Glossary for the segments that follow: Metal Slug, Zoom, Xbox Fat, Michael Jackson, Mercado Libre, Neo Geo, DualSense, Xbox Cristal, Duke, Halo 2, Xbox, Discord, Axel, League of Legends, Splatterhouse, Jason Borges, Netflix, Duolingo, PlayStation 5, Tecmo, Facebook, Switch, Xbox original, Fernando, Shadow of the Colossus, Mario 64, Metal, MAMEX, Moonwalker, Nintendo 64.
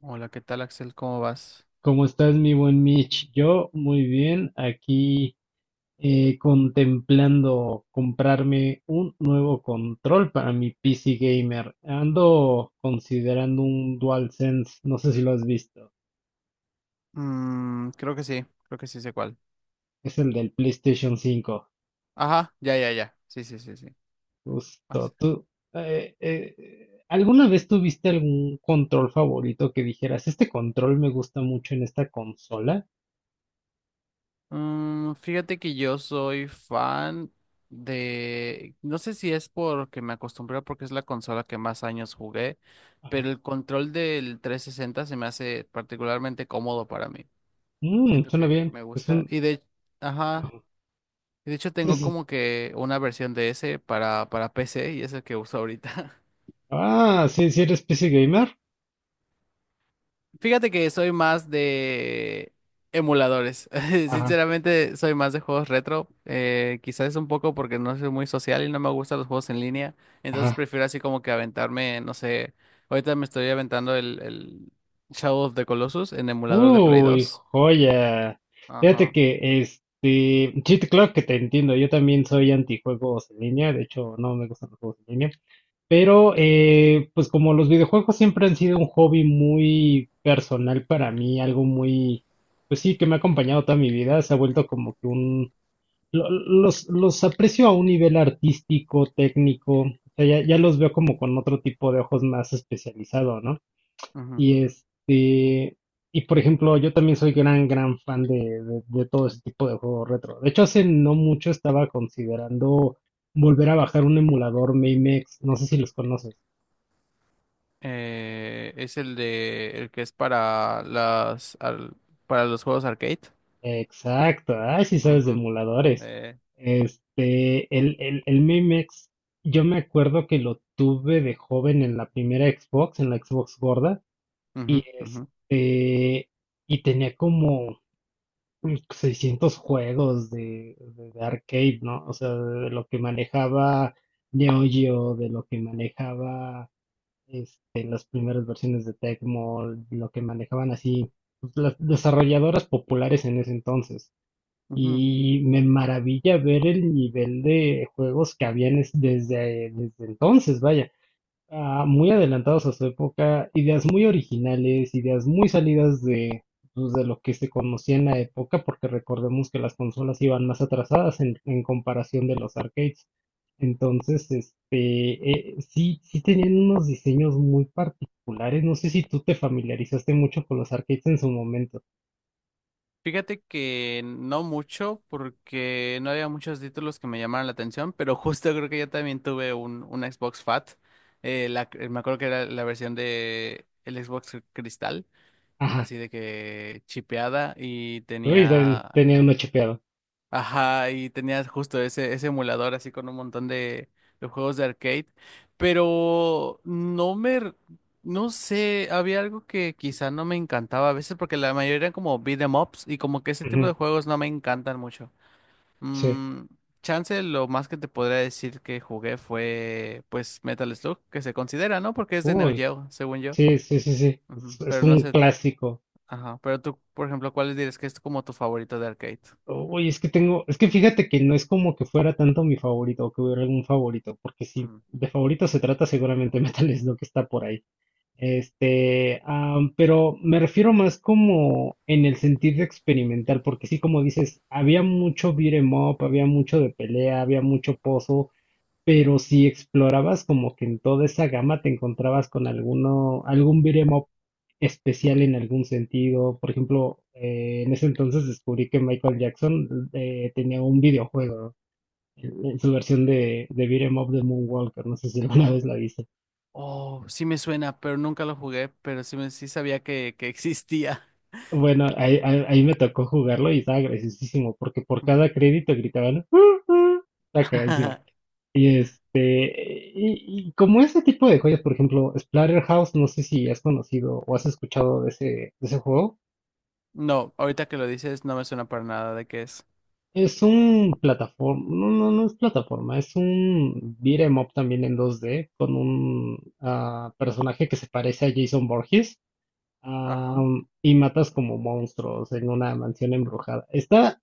Hola, ¿qué tal, Axel? ¿Cómo vas? ¿Cómo estás, mi buen Mitch? Yo muy bien, aquí contemplando comprarme un nuevo control para mi PC gamer. Ando considerando un DualSense, no sé si lo has visto. Mm, creo que sí sé cuál. Es el del PlayStation 5. Ajá, ya, ya, ya. Sí, sí, sí, sí. Vas. Justo, tú. ¿Alguna vez tuviste algún control favorito que dijeras, este control me gusta mucho en esta consola? Mm, fíjate que yo soy fan de... No sé si es porque me acostumbré o porque es la consola que más años jugué, Ajá. pero el control del 360 se me hace particularmente cómodo para mí. Mm, Siento suena que bien. me Es gusta. un. Ajá. Ajá. De hecho, Sí, tengo sí. como que una versión de ese para PC y es el que uso ahorita. Ah, sí, sí eres PC gamer. Fíjate que soy más de emuladores. Ajá, Sinceramente, soy más de juegos retro. Quizás es un poco porque no soy muy social y no me gustan los juegos en línea. Entonces ajá. prefiero así como que aventarme, no sé. Ahorita me estoy aventando el Shadow of the Colossus en emulador de Play Uy, dos. joya. Fíjate Ajá. que sí, claro que te entiendo. Yo también soy antijuegos en línea. De hecho, no me gustan los juegos en línea. Pero, pues como los videojuegos siempre han sido un hobby muy personal para mí, algo muy, pues sí, que me ha acompañado toda mi vida, se ha vuelto como que los aprecio a un nivel artístico, técnico, o sea, ya los veo como con otro tipo de ojos más especializado, ¿no? Ujú. Y y por ejemplo, yo también soy gran, gran fan de todo ese tipo de juegos retro. De hecho, hace no mucho estaba considerando volver a bajar un emulador MAMEX, no sé si los conoces. Es el de el que es para los juegos arcade. Exacto, ay, sí sabes de Ujú, emuladores. eh, El MAMEX, yo me acuerdo que lo tuve de joven en la primera Xbox, en la Xbox gorda, y ujú, ujú, este, y tenía como 600 juegos de arcade, ¿no? O sea, de lo que manejaba Neo Geo, de lo que manejaba las primeras versiones de Tecmo, lo que manejaban así pues, las desarrolladoras populares en ese entonces. ujú. Y me maravilla ver el nivel de juegos que habían desde entonces, vaya muy adelantados a su época, ideas muy originales, ideas muy salidas de, pues, de lo que se conocía en la época, porque recordemos que las consolas iban más atrasadas en comparación de los arcades. Entonces, sí, sí tenían unos diseños muy particulares. No sé si tú te familiarizaste mucho con los arcades en su momento. Fíjate que no mucho, porque no había muchos títulos que me llamaran la atención, pero justo creo que yo también tuve un Xbox Fat. Me acuerdo que era la versión de el Xbox Cristal, Ajá. así de que chipeada y Uy, tenía. tenía uno chipeado. Ajá, y tenías justo ese emulador así con un montón de juegos de arcade, pero no sé, había algo que quizá no me encantaba a veces porque la mayoría eran como beat 'em ups y como que ese tipo de Ujú, juegos no me encantan mucho. sí. Mm, Chance lo más que te podría decir que jugué fue pues Metal Slug, que se considera, ¿no? Porque es de Neo Uy, Geo, según yo. sí, sí, sí, sí. Ujú. Es Pero no un sé, clásico. ajá, pero tú, por ejemplo, ¿cuál dirías que es como tu favorito de arcade? Uy, es que tengo, es que fíjate que no es como que fuera tanto mi favorito o que hubiera algún favorito, porque si Mm. de favorito se trata, seguramente Metal es lo que está por ahí. Pero me refiero más como en el sentido experimental, porque sí, como dices, había mucho beat 'em up, había mucho de pelea, había mucho pozo, pero si explorabas como que en toda esa gama te encontrabas con algún beat'em up especial en algún sentido. Por ejemplo, en ese entonces descubrí que Michael Jackson tenía un videojuego en su versión de beat'em up de Moonwalker. No sé si alguna vez la viste. Oh, sí me suena, pero nunca lo jugué, pero sí, sí sabía que existía. Bueno, ahí me tocó jugarlo y estaba graciosísimo porque por Ujú. cada crédito gritaban, uh", está cagadísimo. Y y como ese tipo de joyas, por ejemplo, Splatterhouse, no sé si has conocido o has escuchado de ese juego. No, ahorita que lo dices no me suena para nada de qué es. Es un plataforma, no, no, no es plataforma, es un beat 'em up también en 2D con un personaje que se parece a Jason Borges. Ajá. Y matas como monstruos en una mansión embrujada. Está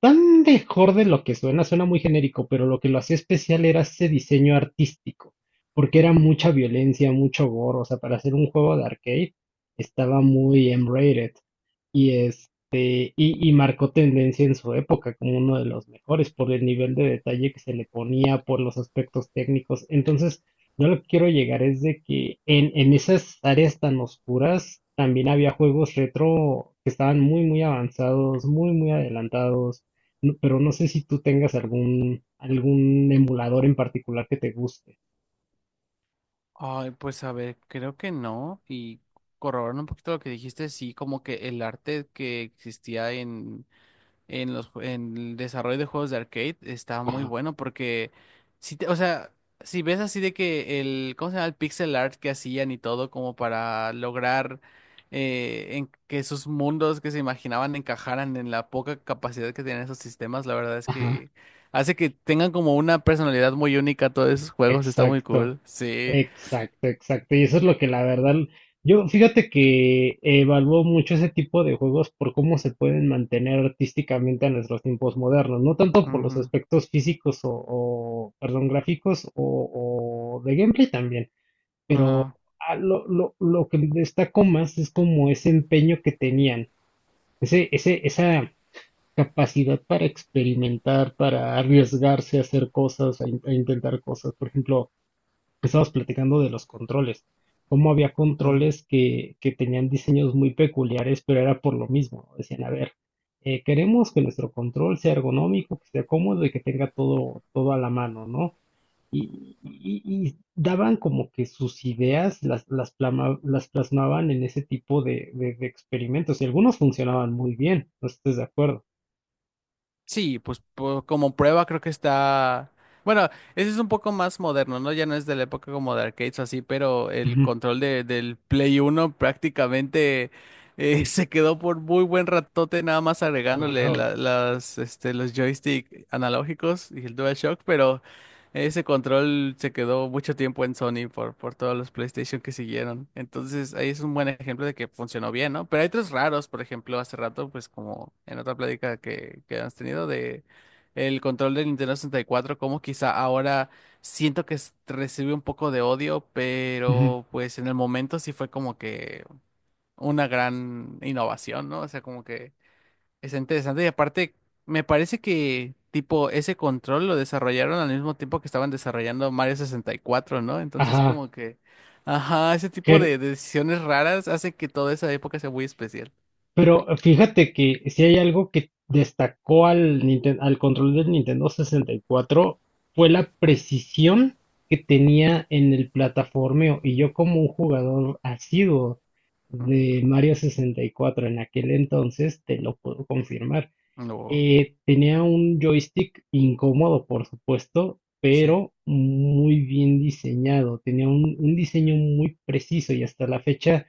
tan mejor de lo que suena, suena muy genérico, pero lo que lo hacía especial era ese diseño artístico, porque era Ujú. mucha violencia, mucho gore, o sea, para hacer un juego de arcade estaba muy M-rated y marcó tendencia en su época como uno de los mejores por el nivel de detalle que se le ponía, por los aspectos técnicos. Entonces, yo lo que quiero llegar es de que en esas áreas tan oscuras también había juegos retro que estaban muy, muy avanzados, muy, muy adelantados, pero no sé si tú tengas algún emulador en particular que te guste. Ay, pues a ver, creo que no. Y corroborando un poquito lo que dijiste, sí, como que el arte que existía en el desarrollo de juegos de arcade está muy Ajá, bueno porque o sea, si ves así de que el, ¿cómo se llama? El pixel art que hacían y todo como para lograr, en que esos mundos que se imaginaban encajaran en la poca capacidad que tenían esos sistemas, la verdad es ajá. que hace que tengan como una personalidad muy única todos esos juegos. Está muy Exacto. cool. Sí. Exacto, exacto. Y eso es lo que la verdad, yo fíjate que evalúo mucho ese tipo de juegos por cómo se pueden mantener artísticamente a nuestros tiempos modernos, no tanto por los Ujú, aspectos físicos perdón, gráficos o de gameplay también, pero ajá, lo que destaco más es como ese empeño que tenían, esa capacidad para experimentar, para arriesgarse a hacer cosas, a intentar cosas. Por ejemplo, estábamos platicando de los controles, cómo había ujú. controles que tenían diseños muy peculiares, pero era por lo mismo. Decían, a ver, queremos que nuestro control sea ergonómico, que sea cómodo y que tenga todo, todo a la mano, ¿no? Y, y- y daban como que sus ideas las plasmaban en ese tipo de experimentos y algunos funcionaban muy bien, no sé si estés de acuerdo. Sí, pues como prueba creo que está... Bueno, ese es un poco más moderno, ¿no? Ya no es de la época como de arcades o así, pero el Ujú, control de, del Play 1 prácticamente se quedó por muy buen ratote, nada más agregándole claro. Las, este, los joystick analógicos y el DualShock, pero ese control se quedó mucho tiempo en Sony por todos los PlayStation que siguieron. Entonces, ahí es un buen ejemplo de que funcionó bien, ¿no? Pero hay otros raros. Por ejemplo, hace rato, pues como en otra plática que has tenido, de el control del Nintendo 64, como quizá ahora siento que recibe un poco de odio, Ujú. pero pues en el momento sí fue como que una gran innovación, ¿no? O sea, como que es interesante. Y aparte me parece que tipo ese control lo desarrollaron al mismo tiempo que estaban desarrollando Mario 64, ¿no? Entonces Ajá. como que, ajá, ese tipo de decisiones raras hace que toda esa época sea muy especial. Pero fíjate que si hay algo que destacó al control del Nintendo 64 fue la precisión que tenía en el plataformeo. Y yo como un jugador asiduo Ujú. de Mario 64 en aquel entonces, te lo puedo confirmar. No. Tenía un joystick incómodo, por supuesto, Sí. pero muy bien diseñado. Tenía un diseño muy preciso y hasta la fecha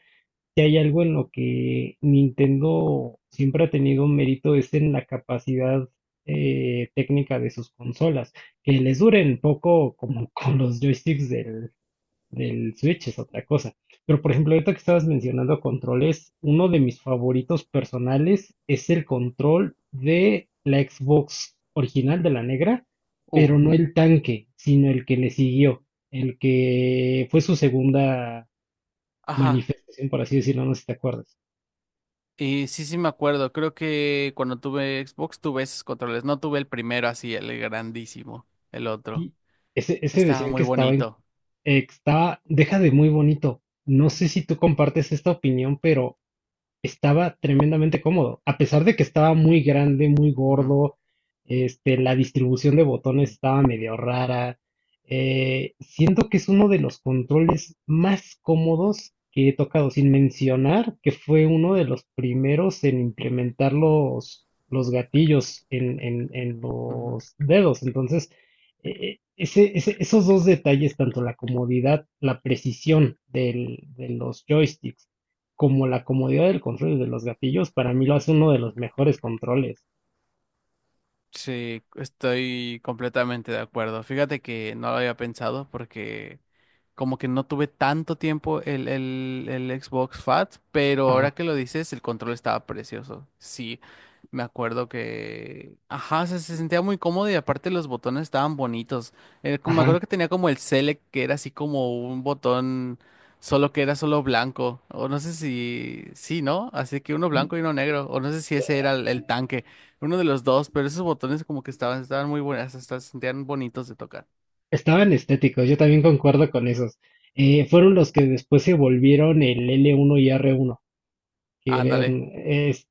si hay algo en lo que Nintendo siempre ha tenido un mérito es en la capacidad técnica de sus consolas. Que les duren poco como con los joysticks del Switch es otra cosa. Pero por ejemplo, ahorita que estabas mencionando controles, uno de mis favoritos personales es el control de la Xbox original de la negra, Uh, pero no el tanque, sino el que le siguió, el que fue su segunda ajá. manifestación, por así decirlo, no sé si te acuerdas. Y sí, sí me acuerdo. Creo que cuando tuve Xbox tuve esos controles. No tuve el primero así, el grandísimo, el otro. Sí, ese Estaba decían muy que estaba, en- bonito. eh, que estaba, deja de muy bonito. No sé si tú compartes esta opinión, pero estaba tremendamente cómodo. A pesar de que estaba muy grande, muy Ujú, gordo, la distribución de botones estaba medio rara. Siento que es uno de los controles más cómodos que he tocado, sin mencionar que fue uno de los primeros en implementar los gatillos en ujú. los dedos. Entonces, esos dos detalles, tanto la comodidad, la precisión de los joysticks, como la comodidad del control y de los gatillos, para mí lo hace uno de los mejores controles. Sí, estoy completamente de acuerdo. Fíjate que no lo había pensado porque como que no tuve tanto tiempo el Xbox Fat, pero ahora Ajá, que lo dices, el control estaba precioso. Sí, me acuerdo que... Ajá, se sentía muy cómodo y aparte los botones estaban bonitos. Me acuerdo ajá. que tenía como el Select, que era así como un botón solo que era solo blanco. O no sé si... Sí, ¿no? Así que uno blanco y uno negro. O no sé si ese era el tanque. Uno de los dos, pero esos botones como que estaban muy buenas, hasta se sentían bonitos de tocar. Estaban estéticos, yo también concuerdo con esos. Fueron los que después se volvieron el L1 y R1, que Ándale. eran,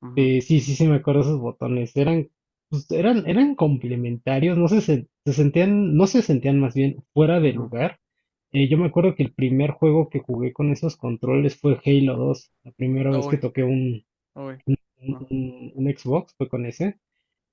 Ujú, sí, sí, sí me acuerdo esos botones, pues, eran complementarios, no se, sen- se sentían, no se sentían más bien fuera de ujú. lugar. Yo me acuerdo que el primer juego que jugué con esos controles fue Halo 2, la primera vez que Uy, toqué un, uy. un, Ujú. un- un Xbox, fue con ese,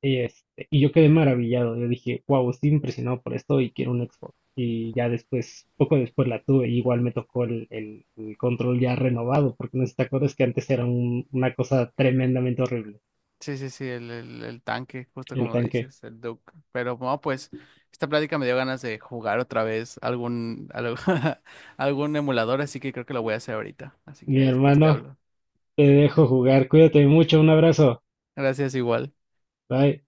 y yo quedé maravillado, yo dije, wow, estoy impresionado por esto y quiero un Xbox. Y ya después, poco después la tuve, y igual me tocó el control ya renovado, porque no sé si te acuerdas que antes era una cosa tremendamente horrible, Sí, sí, sí, el tanque, justo el como tanque. dices, el Duke. Pero bueno, pues esta plática me dio ganas de jugar otra vez algún emulador, así que creo que lo voy a hacer ahorita. Así que Mi después te hermano, hablo. te dejo jugar, cuídate mucho, un abrazo, Gracias igual. bye.